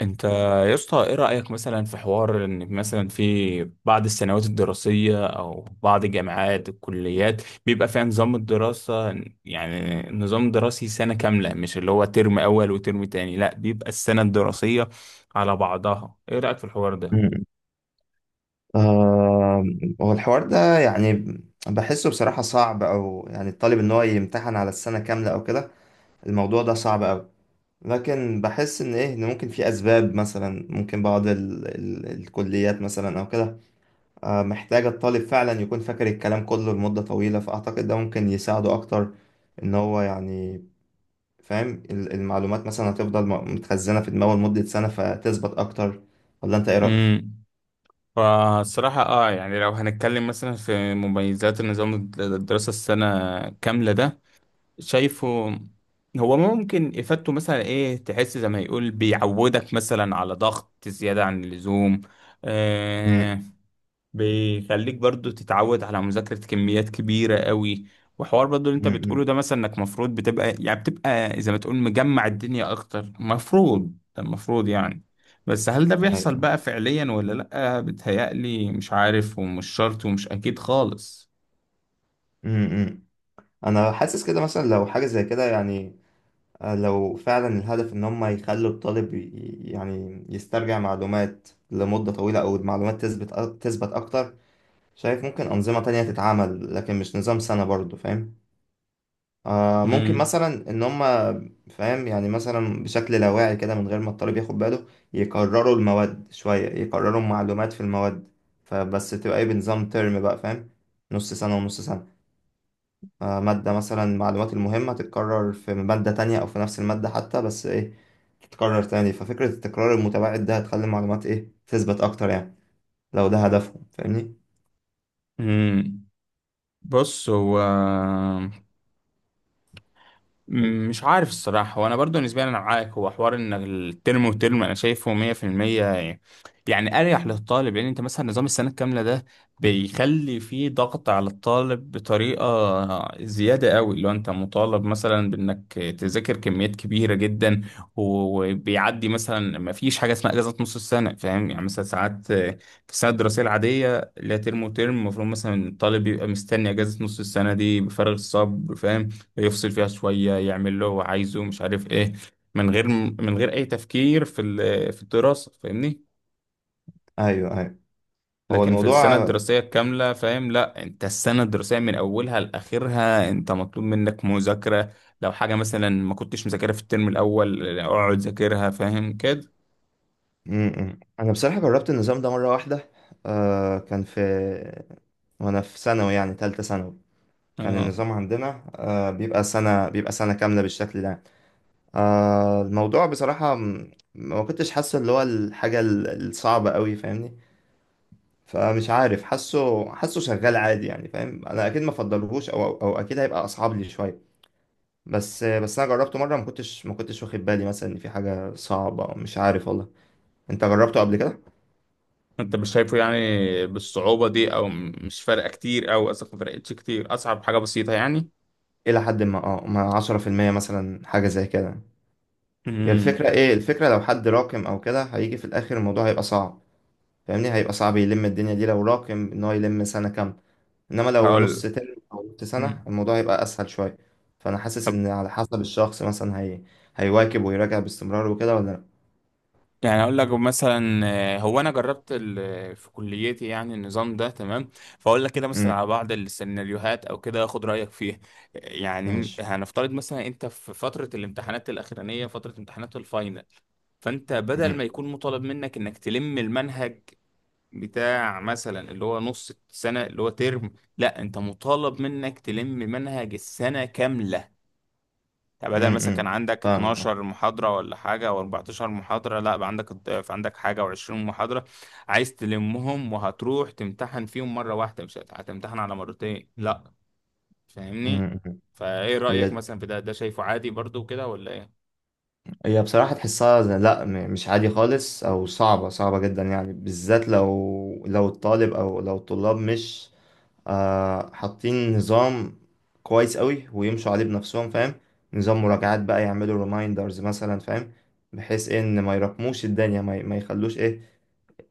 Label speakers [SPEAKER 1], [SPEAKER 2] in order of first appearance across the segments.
[SPEAKER 1] انت، يا اسطى، ايه رأيك مثلا في حوار ان مثلا في بعض السنوات الدراسية او بعض الجامعات الكليات بيبقى فيها نظام الدراسة، يعني نظام دراسي سنة كاملة، مش اللي هو ترم اول وترم تاني، لا بيبقى السنة الدراسية على بعضها. ايه رأيك في الحوار ده؟
[SPEAKER 2] مم. آه، هو الحوار ده يعني بحسه بصراحة صعب، أو يعني الطالب إن هو يمتحن على السنة كاملة أو كده. الموضوع ده صعب أوي، لكن بحس إن إيه، إن ممكن في أسباب. مثلا ممكن بعض ال الكليات مثلا أو كده آه، محتاجة الطالب فعلا يكون فاكر الكلام كله لمدة طويلة، فأعتقد ده ممكن يساعده أكتر. إن هو يعني فاهم المعلومات مثلا هتفضل متخزنة في دماغه لمدة سنة فتثبت أكتر. ولا أنت إيه رأيك؟
[SPEAKER 1] امم فالصراحة يعني لو هنتكلم مثلا في مميزات النظام الدراسة السنة كاملة ده، شايفه هو ممكن إفادته مثلا إيه، تحس زي ما يقول بيعودك مثلا على ضغط زيادة عن اللزوم.
[SPEAKER 2] مم.
[SPEAKER 1] آه بيخليك برضو تتعود على مذاكرة كميات كبيرة قوي. وحوار برضو اللي أنت
[SPEAKER 2] مم.
[SPEAKER 1] بتقوله
[SPEAKER 2] مم.
[SPEAKER 1] ده، مثلا إنك مفروض بتبقى يعني بتبقى زي ما تقول مجمع الدنيا أكتر، مفروض ده المفروض يعني. بس هل ده بيحصل
[SPEAKER 2] أيوة.
[SPEAKER 1] بقى فعليا ولا لأ؟ بتهيألي مش عارف، ومش شرط، ومش أكيد خالص.
[SPEAKER 2] امم انا حاسس كده مثلا لو حاجه زي كده، يعني آه، لو فعلا الهدف ان هم يخلوا الطالب يعني يسترجع معلومات لمده طويله، او المعلومات تثبت تثبت اكتر. شايف ممكن انظمه تانية تتعمل، لكن مش نظام سنه برضو، فاهم؟ آه ممكن
[SPEAKER 1] مم.
[SPEAKER 2] مثلا ان هم فاهم يعني مثلا بشكل لاواعي كده من غير ما الطالب ياخد باله، يكرروا المواد شويه، يكرروا معلومات في المواد، فبس تبقى ايه بنظام ترم، بقى فاهم، نص سنه ونص سنه. آه، مادة مثلا المعلومات المهمة تتكرر في مادة تانية أو في نفس المادة حتى، بس إيه تتكرر تاني. ففكرة التكرار المتباعد ده هتخلي المعلومات إيه، تثبت أكتر يعني لو ده هدفهم، فاهمني؟
[SPEAKER 1] مم. بص، هو مش عارف الصراحة، وانا برضو نسبيا انا معاك. هو حوار ان الترم وترم انا شايفه 100%، يعني يعني اريح للطالب، لان انت مثلا نظام السنة الكاملة ده بيخلي فيه ضغط على الطالب بطريقة زيادة قوي، لو انت مطالب مثلا بانك تذاكر كميات كبيرة جدا. وبيعدي مثلا، ما فيش حاجة اسمها اجازة نص السنة، فاهم يعني؟ مثلا ساعات في السنة الدراسية العادية، لا ترم وترم، المفروض مثلا الطالب بيبقى مستني اجازة نص السنة دي بفارغ الصبر، فاهم؟ يفصل فيها شوية، يعمل اللي هو عايزه، مش عارف ايه، من غير اي تفكير في الدراسة، فاهمني؟
[SPEAKER 2] أيوه أيوه. هو
[SPEAKER 1] لكن في السنة
[SPEAKER 2] الموضوع
[SPEAKER 1] الدراسية الكاملة، فاهم، لا انت السنة الدراسية من اولها لاخرها انت مطلوب منك مذاكرة. لو حاجة مثلا ما كنتش مذاكرها في الترم الاول اقعد ذاكرها، فاهم كده؟
[SPEAKER 2] م-م. أنا بصراحة جربت النظام ده مرة واحدة. آه كان في، وأنا في ثانوي يعني تالتة ثانوي، كان
[SPEAKER 1] اه.
[SPEAKER 2] النظام عندنا آه بيبقى سنة كاملة بالشكل ده يعني. آه الموضوع بصراحة ما كنتش حاسه اللي هو الحاجة الصعبة قوي، فاهمني؟ فمش عارف، حاسه شغال عادي يعني فاهم. انا اكيد ما افضلهوش، او او أو اكيد هيبقى اصعب لي شويه، بس انا جربته مره، ما كنتش واخد بالي مثلا ان في حاجه صعبه، أو مش عارف والله. انت جربته قبل كده؟
[SPEAKER 1] انت مش شايفه يعني بالصعوبة دي، او مش فارقة كتير، او اصلا ما فرقتش كتير، اصعب حاجة بسيطة يعني.
[SPEAKER 2] الى حد ما، اه، ما 10% مثلا، حاجه زي كده. هي
[SPEAKER 1] امم
[SPEAKER 2] الفكره، ايه الفكره، لو حد راكم او كده، هيجي في الاخر الموضوع هيبقى صعب، فاهمني؟ هيبقى صعب يلم الدنيا دي لو راكم ان هو يلم سنه كامله، انما لو
[SPEAKER 1] هقول
[SPEAKER 2] نص
[SPEAKER 1] لك.
[SPEAKER 2] ترم او نص سنه
[SPEAKER 1] مم.
[SPEAKER 2] الموضوع هيبقى اسهل شويه. فانا حاسس ان على حسب الشخص، مثلا هيواكب ويراجع باستمرار وكده ولا لا.
[SPEAKER 1] يعني اقول لك مثلا، هو انا جربت في كليتي يعني النظام ده، تمام؟ فاقول لك كده مثلا
[SPEAKER 2] امم،
[SPEAKER 1] على بعض السيناريوهات او كده، اخد رايك فيها. يعني
[SPEAKER 2] ماشي.
[SPEAKER 1] هنفترض مثلا انت في فتره الامتحانات الاخرانيه، فتره امتحانات الفاينل، فانت بدل
[SPEAKER 2] امم
[SPEAKER 1] ما يكون مطالب منك انك تلم المنهج بتاع مثلا اللي هو نص السنه اللي هو ترم، لا انت مطالب منك تلم منهج السنه كامله. يعني بدل
[SPEAKER 2] امم.
[SPEAKER 1] مثلا كان
[SPEAKER 2] امم.
[SPEAKER 1] عندك
[SPEAKER 2] فاهمك اه.
[SPEAKER 1] 12 محاضرة ولا حاجة او 14 محاضرة، لا بقى عندك الضعف، عندك حاجة و20 محاضرة، عايز تلمهم، وهتروح تمتحن فيهم مرة واحدة، مش هتمتحن على مرتين، لا، فاهمني؟
[SPEAKER 2] امم امم.
[SPEAKER 1] فايه رأيك
[SPEAKER 2] هي
[SPEAKER 1] مثلا في ده؟ ده شايفه عادي برضو كده ولا ايه؟
[SPEAKER 2] هي بصراحه تحسها لا مش عادي خالص، او صعبه صعبه جدا يعني، بالذات لو الطالب او لو الطلاب مش آه حاطين نظام كويس قوي، ويمشوا عليه بنفسهم، فاهم؟ نظام مراجعات بقى، يعملوا ريمايندرز مثلا فاهم، بحيث ان ما يراكموش الدنيا، ما يخلوش ايه،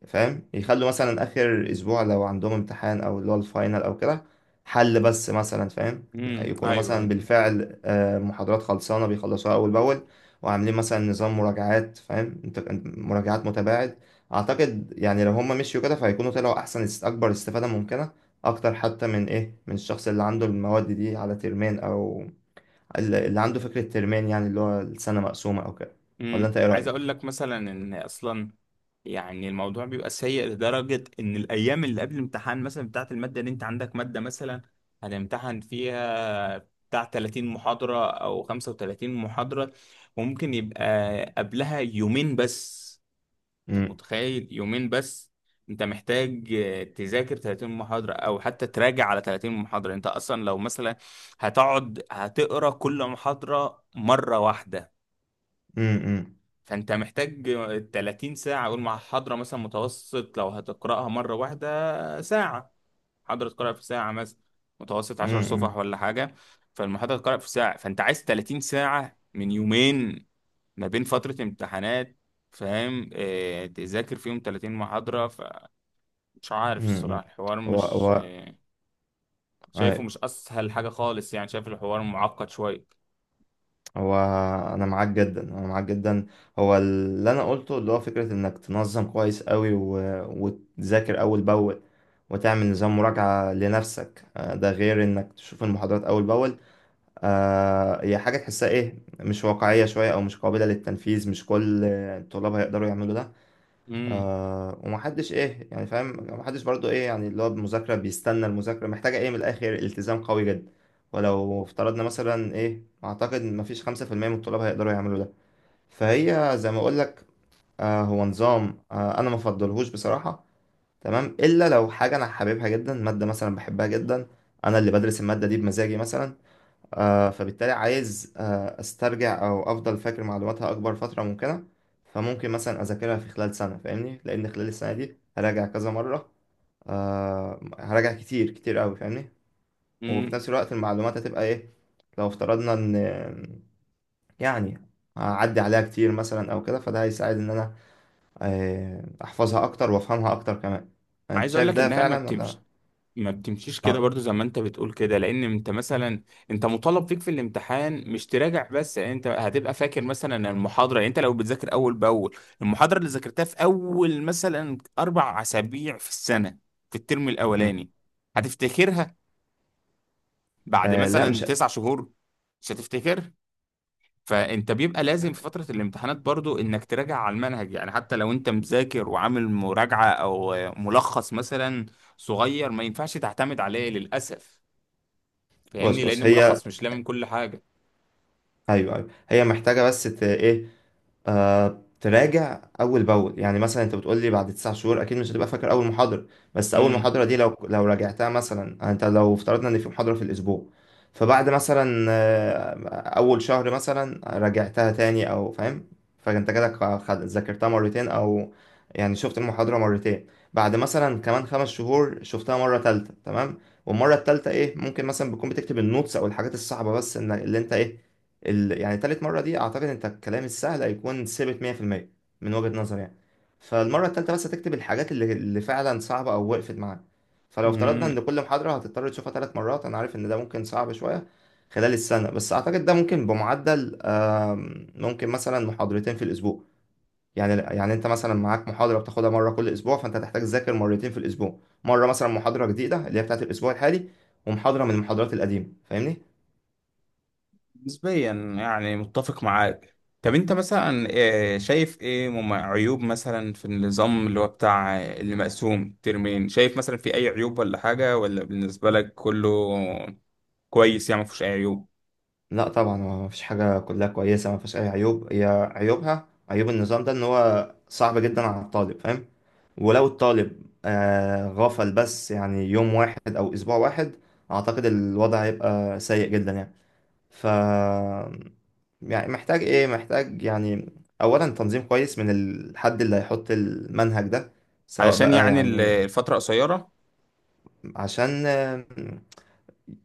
[SPEAKER 2] فاهم، يخلوا مثلا اخر اسبوع لو عندهم امتحان او اللي هو الفاينل او كده حل بس مثلا، فاهم؟ يكونوا مثلا
[SPEAKER 1] ايوه.
[SPEAKER 2] بالفعل آه، محاضرات خلصانه بيخلصوها اول باول، وعاملين مثلا نظام مراجعات، فاهم انت، مراجعات متباعد. اعتقد يعني لو هم مشيوا كده فهيكونوا طلعوا احسن، اكبر استفاده ممكنه، اكتر حتى من ايه، من الشخص اللي عنده المواد دي على ترمين، او اللي عنده فكره ترمين، يعني اللي هو السنه مقسومه او كده. ولا انت ايه
[SPEAKER 1] عايز
[SPEAKER 2] رايك؟
[SPEAKER 1] اقول لك مثلا ان اصلا يعني الموضوع بيبقى سيء، لدرجة ان الايام اللي قبل الامتحان مثلا بتاعة المادة، اللي انت عندك مادة مثلا هتمتحن فيها بتاع 30 محاضرة او 35 محاضرة، ممكن يبقى قبلها يومين بس. طب
[SPEAKER 2] امم
[SPEAKER 1] متخيل؟ يومين بس انت محتاج تذاكر 30 محاضرة، او حتى تراجع على 30 محاضرة. انت اصلا لو مثلا هتقعد هتقرا كل محاضرة مرة واحدة، فانت محتاج 30 ساعة، اقول مع حضرة مثلا متوسط، لو هتقرأها مرة واحدة ساعة، حضرة تقرأ في ساعة مثلا متوسط 10
[SPEAKER 2] امم
[SPEAKER 1] صفح ولا حاجة، فالمحاضرة تقرأ في ساعة، فانت عايز 30 ساعة من يومين ما بين فترة امتحانات، فاهم؟ اه، تذاكر فيهم 30 محاضرة. فمش عارف
[SPEAKER 2] امم.
[SPEAKER 1] الصراحة، الحوار
[SPEAKER 2] هو
[SPEAKER 1] مش
[SPEAKER 2] هو
[SPEAKER 1] شايفه
[SPEAKER 2] أي-
[SPEAKER 1] مش اسهل حاجة خالص يعني، شايف الحوار معقد شوية.
[SPEAKER 2] هو انا معاك جدا، انا معاك جدا. هو اللي انا قلته، اللي هو فكره انك تنظم كويس قوي وتذاكر اول باول، وتعمل نظام مراجعه لنفسك آه، ده غير انك تشوف المحاضرات اول باول. آه، هي حاجه تحسها ايه، مش واقعيه شويه، او مش قابله للتنفيذ، مش كل الطلاب هيقدروا يعملوا ده.
[SPEAKER 1] امم
[SPEAKER 2] آه ومحدش ايه يعني فاهم، محدش برضو ايه يعني اللي هو المذاكرة، بيستنى المذاكرة محتاجة ايه، من الآخر التزام قوي جدا، ولو افترضنا مثلا ايه أعتقد مفيش 5% من الطلاب هيقدروا يعملوا ده، فهي زي ما أقولك آه، هو نظام آه أنا مفضلهوش بصراحة، تمام؟ إلا لو حاجة أنا حاببها جدا، مادة مثلا بحبها جدا، أنا اللي بدرس المادة دي بمزاجي مثلا، آه، فبالتالي عايز آه، استرجع او افضل فاكر معلوماتها اكبر فتره ممكنه، فممكن مثلا اذاكرها في خلال سنه، فاهمني؟ لان خلال السنه دي هراجع كذا مره، آه، هراجع كتير كتير قوي فاهمني، وفي
[SPEAKER 1] امم
[SPEAKER 2] نفس الوقت المعلومات هتبقى ايه، لو افترضنا ان يعني هعدي عليها كتير مثلا او كده، فده هيساعد ان انا آه، احفظها اكتر وافهمها اكتر كمان. انت
[SPEAKER 1] عايز اقول
[SPEAKER 2] شايف
[SPEAKER 1] لك
[SPEAKER 2] ده
[SPEAKER 1] انها
[SPEAKER 2] فعلا ولا؟
[SPEAKER 1] ما بتمشيش
[SPEAKER 2] اه.
[SPEAKER 1] كده برضو، زي ما انت بتقول كده، لان انت مثلا انت مطالب فيك في الامتحان مش تراجع بس، يعني انت هتبقى فاكر مثلا ان المحاضره، يعني انت لو بتذاكر اول باول المحاضره اللي ذاكرتها في اول مثلا 4 اسابيع في السنه في الترم
[SPEAKER 2] مم.
[SPEAKER 1] الاولاني، هتفتكرها بعد
[SPEAKER 2] آه، لا
[SPEAKER 1] مثلا
[SPEAKER 2] مش،
[SPEAKER 1] 9 شهور؟ مش هتفتكر. فانت بيبقى لازم في فتره الامتحانات برضو انك تراجع على المنهج، يعني حتى لو انت مذاكر وعامل مراجعه او ملخص مثلا صغير، ما ينفعش تعتمد عليه للاسف،
[SPEAKER 2] بص
[SPEAKER 1] فاهمني؟ لان
[SPEAKER 2] بص هي،
[SPEAKER 1] الملخص مش لامم كل حاجه.
[SPEAKER 2] ايوه ايوه. هي محتاجه بس ايه آه، تراجع اول باول. يعني مثلا انت بتقول لي بعد 9 شهور اكيد مش هتبقى فاكر اول محاضره، بس اول
[SPEAKER 1] امم
[SPEAKER 2] محاضره دي لو راجعتها مثلا، انت لو افترضنا ان في محاضره في الاسبوع، فبعد مثلا آه، اول شهر مثلا راجعتها تاني او فاهم، فانت كده ذاكرتها مرتين، او يعني شفت المحاضره مرتين، بعد مثلا كمان 5 شهور شفتها مره تالتة تمام. والمره التالتة ايه، ممكن مثلا بتكون بتكتب النوتس او الحاجات الصعبه بس، ان اللي انت ايه يعني تالت مرة دي أعتقد أنت الكلام السهل هيكون ثابت 100% من وجهة نظري يعني. فالمرة التالتة بس هتكتب الحاجات اللي فعلا صعبة أو وقفت معاك. فلو افترضنا إن
[SPEAKER 1] مم.
[SPEAKER 2] كل محاضرة هتضطر تشوفها 3 مرات، أنا عارف إن ده ممكن صعب شوية خلال السنة، بس أعتقد ده ممكن بمعدل ممكن مثلا محاضرتين في الأسبوع. يعني أنت مثلا معاك محاضرة بتاخدها مرة كل أسبوع، فأنت هتحتاج تذاكر مرتين في الأسبوع، مرة مثلا محاضرة جديدة اللي هي بتاعت الأسبوع الحالي، ومحاضرة من المحاضرات القديمة، فاهمني؟
[SPEAKER 1] نسبيا، يعني متفق معاك. طب انت مثلا، شايف ايه عيوب مثلا في النظام اللي هو بتاع اللي مقسوم ترمين، شايف مثلا في اي عيوب ولا حاجة، ولا بالنسبة لك كله كويس يعني ما فيهوش اي عيوب؟
[SPEAKER 2] لا طبعا، هو مفيش حاجة كلها كويسة مفيش أي عيوب. هي عيوبها، عيوب النظام ده إن هو صعب جدا على الطالب، فاهم؟ ولو الطالب آه غفل بس يعني يوم واحد أو أسبوع واحد، أعتقد الوضع هيبقى سيء جدا يعني. ف يعني محتاج إيه، محتاج يعني أولا تنظيم كويس من الحد اللي هيحط المنهج ده، سواء
[SPEAKER 1] علشان
[SPEAKER 2] بقى
[SPEAKER 1] يعني
[SPEAKER 2] يعني
[SPEAKER 1] الفترة قصيرة.
[SPEAKER 2] عشان آه،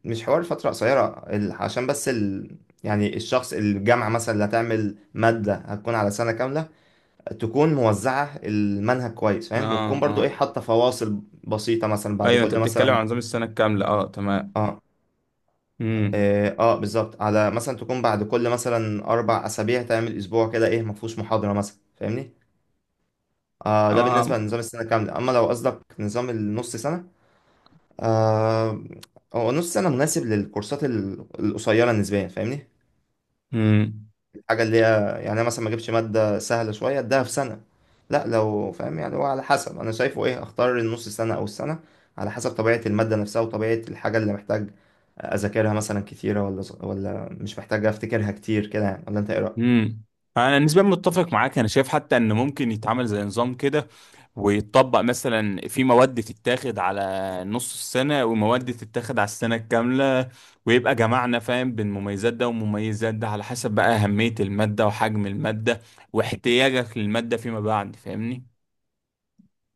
[SPEAKER 2] مش حوار فترة قصيرة عشان بس يعني الشخص الجامعة مثلا اللي هتعمل مادة هتكون على سنة كاملة، تكون موزعة المنهج كويس فاهم،
[SPEAKER 1] اه
[SPEAKER 2] وتكون
[SPEAKER 1] اه،
[SPEAKER 2] برضو ايه، حاطة فواصل بسيطة مثلا بعد
[SPEAKER 1] ايوه، انت
[SPEAKER 2] كل
[SPEAKER 1] بتتكلم
[SPEAKER 2] مثلا
[SPEAKER 1] عن نظام السنة الكاملة، اه تمام.
[SPEAKER 2] اه
[SPEAKER 1] امم
[SPEAKER 2] اه, آه بالظبط، على مثلا تكون بعد كل مثلا 4 أسابيع تعمل أسبوع كده ايه مفهوش محاضرة مثلا، فاهمني؟ آه ده
[SPEAKER 1] اه
[SPEAKER 2] بالنسبة لنظام السنة كاملة، أما لو قصدك نظام النص سنة آه، هو نص سنة مناسب للكورسات القصيرة نسبيا، فاهمني؟
[SPEAKER 1] امم
[SPEAKER 2] الحاجة اللي هي يعني أنا مثلا ما اجيبش مادة سهلة شوية اديها في سنة، لا لو فاهم يعني هو على حسب، انا شايفه ايه، اختار النص سنة او السنة على حسب طبيعة المادة نفسها، وطبيعة الحاجة اللي محتاج اذاكرها مثلا كتيرة ولا مش محتاج افتكرها كتير كده يعني. ولا انت ايه رأيك؟
[SPEAKER 1] امم انا نسبيا متفق معاك، انا شايف حتى ان ممكن يتعمل زي نظام كده، ويتطبق مثلا في مواد تتاخد على نص السنة، ومواد تتاخد على السنة الكاملة، ويبقى جمعنا فاهم بين مميزات ده ومميزات ده، على حسب بقى أهمية المادة وحجم المادة واحتياجك للمادة فيما بعد، فاهمني؟